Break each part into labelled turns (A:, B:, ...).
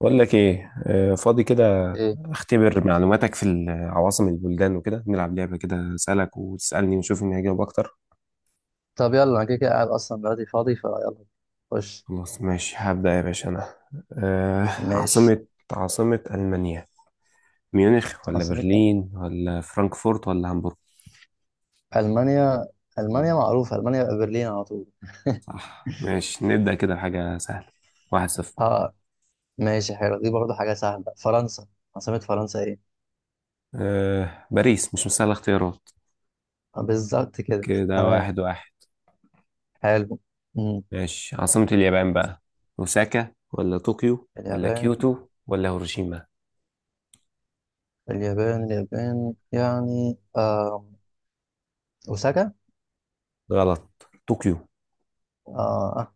A: بقول لك ايه. فاضي كده.
B: ايه،
A: اختبر معلوماتك في عواصم البلدان وكده، نلعب لعبة كده، اسالك وتسالني ونشوف مين هيجاوب اكتر.
B: طب يلا انا كده كده قاعد اصلا دلوقتي فاضي فيلا. خش.
A: خلاص ماشي، هبدأ يا باشا انا. آه،
B: ماشي.
A: عاصمة عاصمة ألمانيا؟ ميونخ ولا
B: عاصمتها،
A: برلين ولا فرانكفورت ولا هامبورغ؟
B: المانيا،
A: مم،
B: المانيا معروفه، المانيا يبقى برلين على طول.
A: صح، ماشي نبدأ كده حاجة سهلة. 1-0.
B: اه، ماشي، حلو، دي برضه حاجه سهله. فرنسا، عاصمه فرنسا ايه؟
A: باريس، مش مسألة اختيارات.
B: آه، بالظبط كده.
A: كده
B: تمام.
A: 1-1.
B: حلو. مم.
A: ماشي، عاصمة اليابان بقى، أوساكا ولا طوكيو ولا
B: اليابان
A: كيوتو ولا هيروشيما؟
B: اليابان اليابان يعني اوساكا.
A: غلط، طوكيو.
B: اه آه،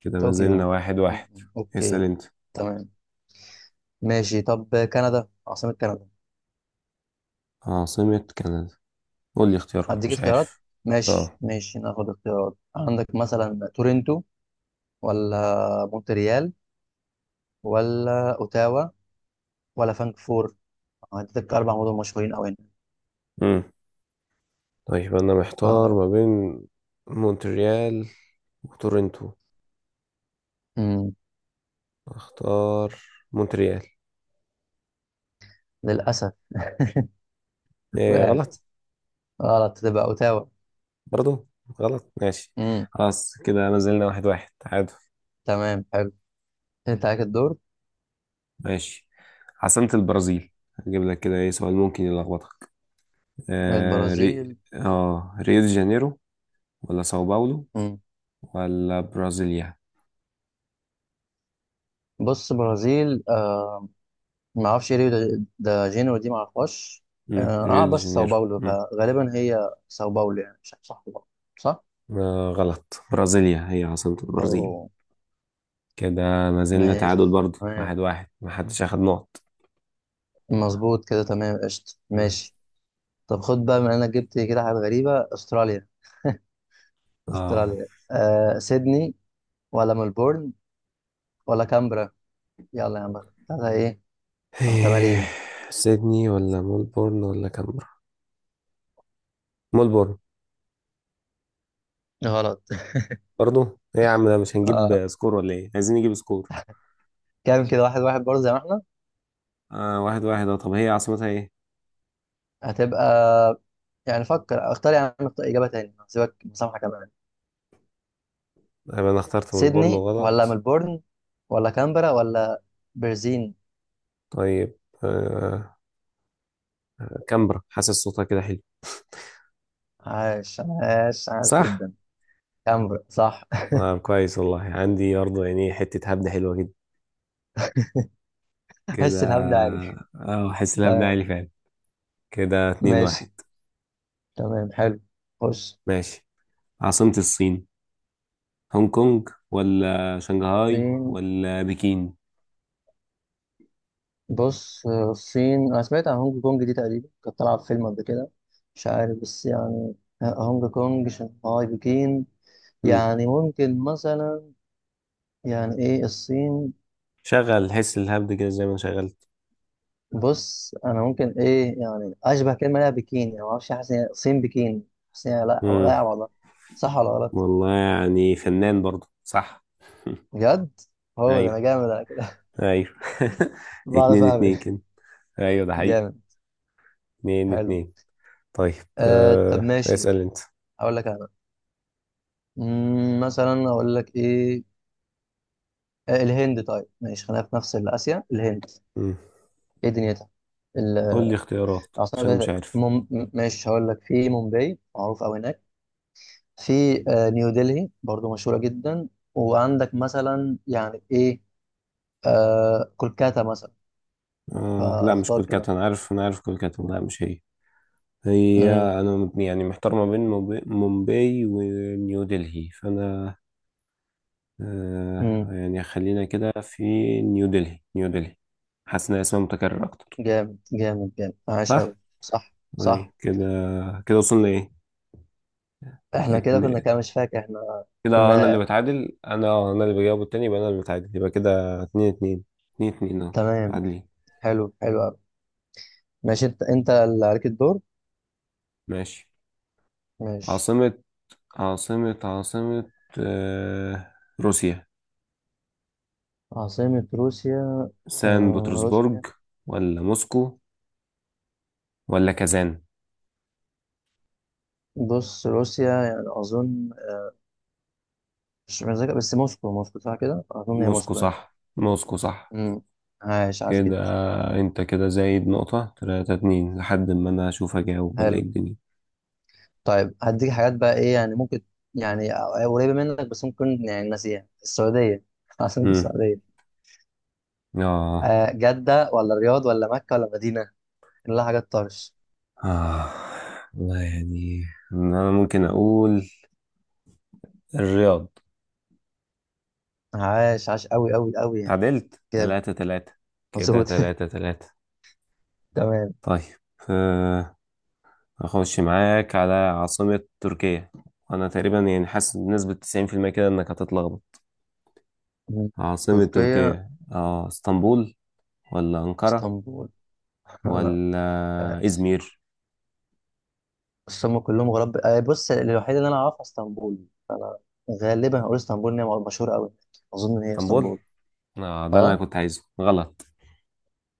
A: كده ما زلنا
B: طوكيو.
A: واحد
B: مم.
A: واحد اسأل
B: اوكي.
A: انت.
B: تمام. ماشي، طب كندا، عاصمه كندا؟
A: عاصمة كندا؟ قول لي اختيارات،
B: هديك
A: مش
B: اختيارات.
A: عارف.
B: مم. ماشي
A: اه.
B: ماشي ناخد اختيارات. عندك مثلا تورنتو ولا مونتريال ولا اوتاوا ولا فانكفور. هديتك اربع مدن مشهورين قوي هنا.
A: امم طيب أنا محتار
B: ف...
A: ما بين مونتريال وتورنتو.
B: مم.
A: اختار مونتريال.
B: للاسف،
A: ايه،
B: وقعت.
A: غلط؟
B: غلط، تبقى اوتاوا.
A: برضو غلط؟ ماشي
B: مم.
A: خلاص، كده ما زلنا واحد واحد تعادل.
B: تمام حلو. انت عليك الدور.
A: ماشي، عاصمة البرازيل. هجيب لك كده ايه سؤال ممكن يلخبطك. آه ري...
B: البرازيل.
A: اه، ريو دي جانيرو ولا ساو باولو
B: مم.
A: ولا برازيليا؟
B: بص برازيل ما اعرفش، ايه ريو ده, ده جينيرو دي، ما اعرفهاش. اه
A: ريو
B: آه،
A: دي
B: بس ساو
A: جانيرو.
B: باولو، فغالبا هي ساو باولو، يعني مش عارف صح ولا غلط. صح؟
A: آه غلط، برازيليا هي عاصمة البرازيل.
B: أوه.
A: كده ما زلنا تعادل
B: ماشي
A: برضو
B: تمام،
A: 1-1، ما حدش أخد نقط.
B: مظبوط كده تمام، قشطة
A: مم.
B: ماشي. طب خد بقى، من انا جبت كده حاجات غريبة، استراليا.
A: اه،
B: استراليا سيدني ولا ملبورن ولا كامبرا؟ يلا يا عم، ثلاثة ايه
A: إيه،
B: محتملين.
A: سيدني ولا ملبورن ولا كامبرا؟ ملبورن.
B: غلط.
A: برضو؟ ايه يا عم، ده مش
B: اه،
A: هنجيب سكور ولا ايه، عايزين نجيب سكور.
B: كام كده؟ واحد واحد برضه زي ما احنا.
A: آه 1-1، اه طب هي عاصمتها ايه؟
B: هتبقى، يعني فكر، اختار، يعني اختار اجابة تاني، هسيبك مسامحة كمان.
A: يبقى انا اخترت ملبورن
B: سيدني ولا
A: غلط؟
B: ملبورن ولا كامبرا ولا برزين؟
A: طيب، آه كامبرا، حاسس صوتها كده حلو.
B: عاش عاش عاش
A: صح؟
B: جدا. كامبرا صح.
A: آه كويس والله، عندي برضه يعني حتة هبدة حلوة كده. كده،
B: حس الهبد عالي.
A: اه حاسس ان ابدا عالي
B: تمام
A: فعلا. كده 2-1.
B: ماشي، تمام حلو. بص.
A: ماشي، عاصمة الصين؟ هونج كونج ولا شنغهاي
B: الصين.
A: ولا بكين؟
B: بص الصين، انا سمعت عن هونج كونج دي، تقريبا كانت طالعه في فيلم قبل كده، مش عارف بس يعني، هونج كونج شنغهاي بكين،
A: مم.
B: يعني ممكن مثلا، يعني ايه الصين.
A: شغل حس الهبد كده زي ما شغلت.
B: بص انا ممكن ايه، يعني اشبه كلمه ليها بكين، يعني ما اعرفش، حاسس إن هي الصين بكين، حاسس إن هي، لا لا
A: مم.
B: والله. صح ولا غلط؟
A: والله يعني فنان برضو، صح.
B: بجد. هو ده، انا
A: ايوه.
B: جامد على كده.
A: ايوه.
B: بعرف
A: اتنين
B: اعمل
A: اتنين
B: إيه.
A: كده. ايوه ده حقيقي.
B: جامد.
A: اتنين
B: حلو.
A: اتنين. طيب.
B: طب
A: آه.
B: ماشي،
A: اسأل انت.
B: اقول لك انا، مثلا اقول لك ايه، الهند، طيب ماشي خلينا في نفس آسيا، الهند
A: مم.
B: ايه دنيتها؟ ال-
A: قول لي اختيارات
B: العاصمة
A: عشان
B: بتاعتها
A: مش
B: إيه؟
A: عارف.
B: ماشي هقول لك، في مومباي، معروف أوي هناك، في نيو دلهي برضو مشهورة جدا، وعندك مثلا يعني ايه، كولكاتا مثلا.
A: آه لا، مش
B: فاختار
A: كولكات،
B: كده.
A: انا عارف، انا عارف كولكات، لا مش هي. هي،
B: امم.
A: أنا يعني محتار ما بين مومباي ونيو دلهي، فأنا آه
B: امم.
A: يعني، خلينا كده في نيو دلهي، نيو دلهي. حاسس إن اسمها متكرر أكتر.
B: جامد جامد جامد، عاش
A: صح؟
B: أوي. صح
A: أي
B: صح.
A: كده. كده وصلنا إيه؟
B: احنا كده
A: اتن...
B: كنا كده، مش فاكر احنا
A: كده أنا اللي
B: كنا.
A: بتعادل، أنا اللي بجاوب التاني، يبقى أنا اللي بتعادل، يبقى كده 2-2. 2-2 أهو.
B: تمام،
A: عادلين.
B: حلو حلو أوي. ماشي، انت اللي عليك الدور.
A: ماشي.
B: ماشي.
A: عاصمة عاصمة آه روسيا.
B: عاصمة روسيا.
A: سان
B: روسيا،
A: بطرسبرج ولا موسكو ولا كازان؟
B: بص روسيا يعني أظن، مش متذكر، بس موسكو، موسكو صح كده، أظن هي
A: موسكو
B: موسكو يعني.
A: صح، موسكو صح.
B: امم. عاش عاش
A: كده
B: جدا.
A: انت كده زايد نقطة، 3-2، لحد ما انا اشوف اجاوب ولا ايه
B: حلو.
A: الدنيا.
B: طيب هديك حاجات بقى، إيه يعني ممكن، يعني قريبة منك، بس ممكن يعني ناسيها، السعودية. عاصمة
A: مم.
B: السعودية؟
A: اه.
B: جدة ولا الرياض ولا مكة ولا مدينة، كلها حاجات طرش.
A: اه والله يعني، انا ممكن اقول الرياض.
B: عاش عاش أوي أوي أوي يعني،
A: تعادلت
B: كده
A: 3-3. كده
B: مظبوط.
A: تلاتة تلاتة
B: تمام.
A: طيب. آه. اخش معاك على عاصمة تركيا. انا تقريبا يعني حاسس بنسبة 90% كده انك هتتلخبط.
B: مم.
A: عاصمة
B: تركيا،
A: تركيا، اه اسطنبول ولا انقرة
B: اسطنبول. لا،
A: ولا ازمير؟
B: بس هم كلهم غراب، بص الوحيدة اللي أنا أعرفها اسطنبول، فأنا غالبا هقول اسطنبول، إن هي مشهورة أوي، أظن إن هي
A: اسطنبول؟
B: اسطنبول.
A: اه ده اللي انا
B: اه،
A: كنت عايزه، غلط.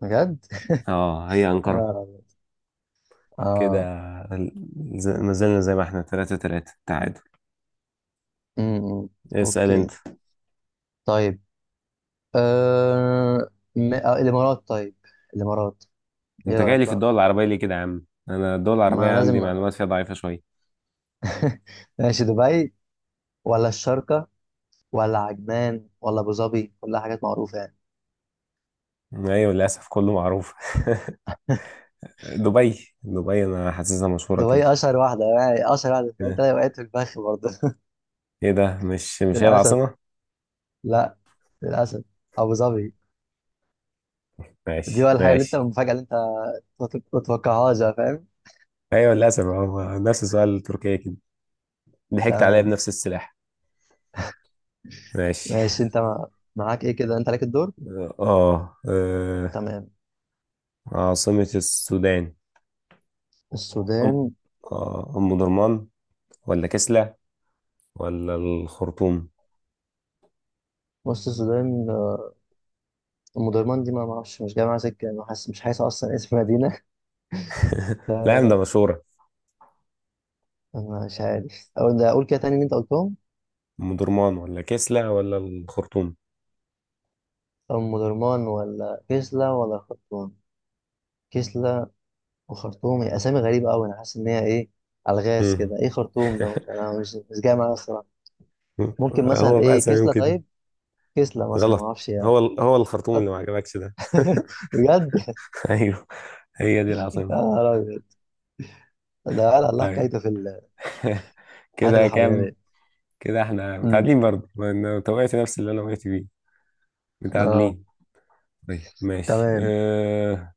B: بجد؟
A: اه، هي انقرة.
B: أنا،
A: كده
B: اه،
A: ال- ما زلنا زي ما احنا، 3-3 تعادل.
B: امم،
A: اسأل انت.
B: اوكي، طيب. آه... الامارات، طيب الامارات. ايه
A: انت جاي
B: رايك
A: لي في
B: بقى،
A: الدول العربية ليه كده يا عم؟ انا الدول العربية
B: ما
A: عندي
B: لازم
A: معلومات فيها ضعيفة شوية.
B: ماشي، دبي ولا الشارقه ولا عجمان ولا ابو ظبي، كلها حاجات معروفه يعني.
A: ايوه للأسف كله معروف. دبي، دبي انا حاسسها مشهورة كده.
B: دبي اشهر واحده، يعني اشهر واحده،
A: اه.
B: انت وقعت في الفخ برضه.
A: ايه ده، مش هي
B: للاسف.
A: العاصمة؟
B: لا، للاسف، ابو ظبي. دي، ولا
A: ماشي
B: الحاجة اللي انت،
A: ماشي.
B: المفاجأة اللي انت ما تتوقعهاش بقى، فاهم.
A: ايوه للأسف هو نفس سؤال تركيا كده، ضحكت عليا
B: تمام
A: بنفس السلاح. ماشي.
B: ماشي، انت معاك ايه كده، انت عليك الدور.
A: اه
B: تمام.
A: عاصمة السودان. أم،
B: السودان.
A: أم درمان ولا كسلة ولا الخرطوم؟
B: بص السودان، ام درمان دي، ما اعرفش، مش جاي معاها سكة، انا حاسس، مش حاسس اصلا اسم مدينة.
A: لا يا عم ده مشهورة.
B: انا مش عارف اقول ده، اقول كده تاني اللي انت قلتهم.
A: أم درمان ولا كسلة ولا الخرطوم؟
B: ام درمان ولا كسلا ولا خرطوم. كسلا وخرطوم، هي اسامي غريبة قوي، انا حاسس ان هي ايه، الغاز
A: مم.
B: كده، ايه خرطوم ده، مش انا مش جاي معايا الصراحة. ممكن مثلا
A: هو بقى
B: ايه
A: سميهم
B: كسلا
A: كده.
B: طيب، كسلا مثلا ما اعرفش
A: غلط؟
B: يعني.
A: هو الخرطوم اللي ما عجبكش ده؟
B: بجد.
A: أيوه، هي دي
B: يا
A: العاصمة.
B: نهار ابيض. ده قال الله
A: طيب.
B: حكايته في الحاجات
A: كده
B: اللي حوالينا
A: كام؟
B: دي.
A: كده احنا
B: أمم.
A: متعادلين برضه، ما انا توقعت نفس اللي انا وقعت فيه.
B: اه
A: متعادلين. طيب ماشي.
B: تمام.
A: أه...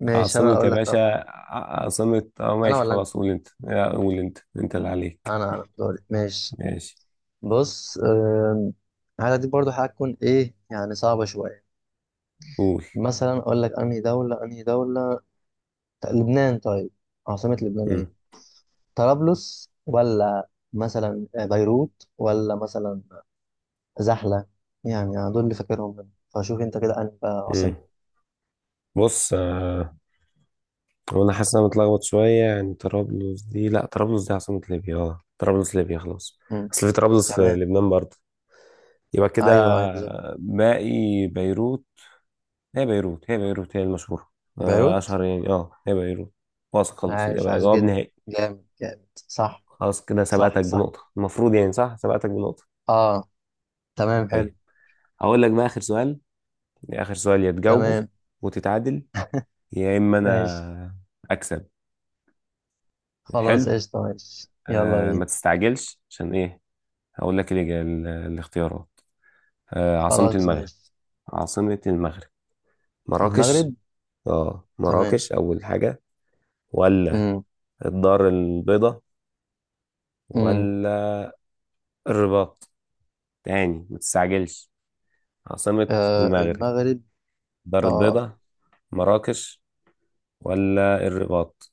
B: ماشي انا
A: عاصمة يا
B: اقول لك
A: باشا،
B: طب حاجه.
A: عاصمة، اه
B: انا
A: ماشي
B: ولا انت؟
A: خلاص. قول انت، لا قول انت، انت اللي عليك.
B: انا دوري، ماشي.
A: ماشي
B: بص الحاجه دي برضو هتكون ايه، يعني صعبه شويه.
A: قول.
B: مثلا اقول لك انهي دوله، انهي دوله، لبنان. طيب عاصمه لبنان
A: مم.
B: ايه؟ طرابلس ولا مثلا بيروت ولا مثلا زحله. يعني دول اللي فاكرهم منهم، فشوف انت كده انهي بقى
A: مم.
B: عاصمه.
A: بص وانا حاسس ان انا متلخبط شويه، يعني طرابلس دي، لا طرابلس دي عاصمه ليبيا، اه طرابلس ليبيا خلاص،
B: أمم.
A: اصل في طرابلس في
B: تمام.
A: لبنان برضه. يبقى كده
B: ايوه ايوه بالظبط.
A: باقي بيروت، هي بيروت هي المشهوره.
B: بيروت.
A: اشهر يعني، اه هي بيروت، واثق خلاص
B: عايش
A: يبقى
B: عايش
A: جواب
B: جدا،
A: نهائي.
B: جامد جامد، صح.
A: خلاص كده
B: صح
A: سبقتك
B: صح.
A: بنقطه، المفروض يعني صح سبقتك بنقطه.
B: اه، تمام حلو.
A: طيب. هقول لك بقى اخر سؤال، اخر سؤال، يا تجاوبه
B: تمام
A: وتتعادل، يا اما
B: ماشي،
A: انا اكسب. حلو.
B: خلاص قشطة، ماشي يلا
A: آه ما
B: بينا.
A: تستعجلش عشان ايه، هقول لك الاختيارات. آه عاصمة
B: خلاص،
A: المغرب.
B: ماشي.
A: عاصمة المغرب.
B: المغرب.
A: مراكش، اه
B: تمام.
A: مراكش أول حاجة، ولا
B: امم.
A: الدار البيضاء،
B: امم.
A: ولا الرباط. تاني، ما تستعجلش. عاصمة المغرب.
B: المغرب.
A: الدار
B: اه،
A: البيضاء، مراكش، ولا الرباط؟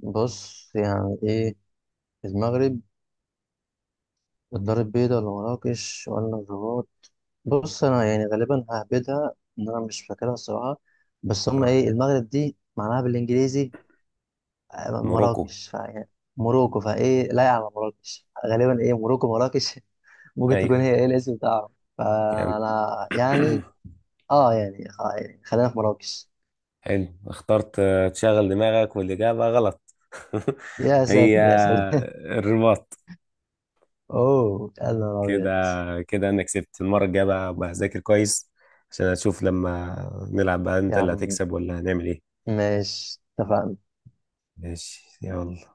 B: بص يعني ايه المغرب، الدار البيضاء ولا مراكش ولا الرباط. بص انا يعني غالبا ههبدها، ان انا مش فاكرها الصراحة، بس هما
A: اه
B: ايه، المغرب دي معناها بالانجليزي
A: موروكو.
B: مراكش، فيعني موروكو، فايه لايقة على مراكش، غالبا ايه موروكو مراكش. ممكن تكون
A: ايوه.
B: هي ايه الاسم بتاعهم،
A: يعني.
B: فانا يعني، اه يعني, يعني خلينا في مراكش.
A: حلو اخترت. تشغل دماغك والإجابة غلط.
B: يا
A: هي
B: ساتر يا ساتر.
A: الرباط.
B: اوه يا نهار
A: كده.
B: ابيض.
A: كده انا كسبت، المره الجايه بقى بقى اذاكر كويس، عشان اشوف لما نلعب بقى
B: يا
A: انت اللي
B: عم،
A: هتكسب ولا هنعمل ايه.
B: ماشي اتفقنا.
A: ماشي يلا.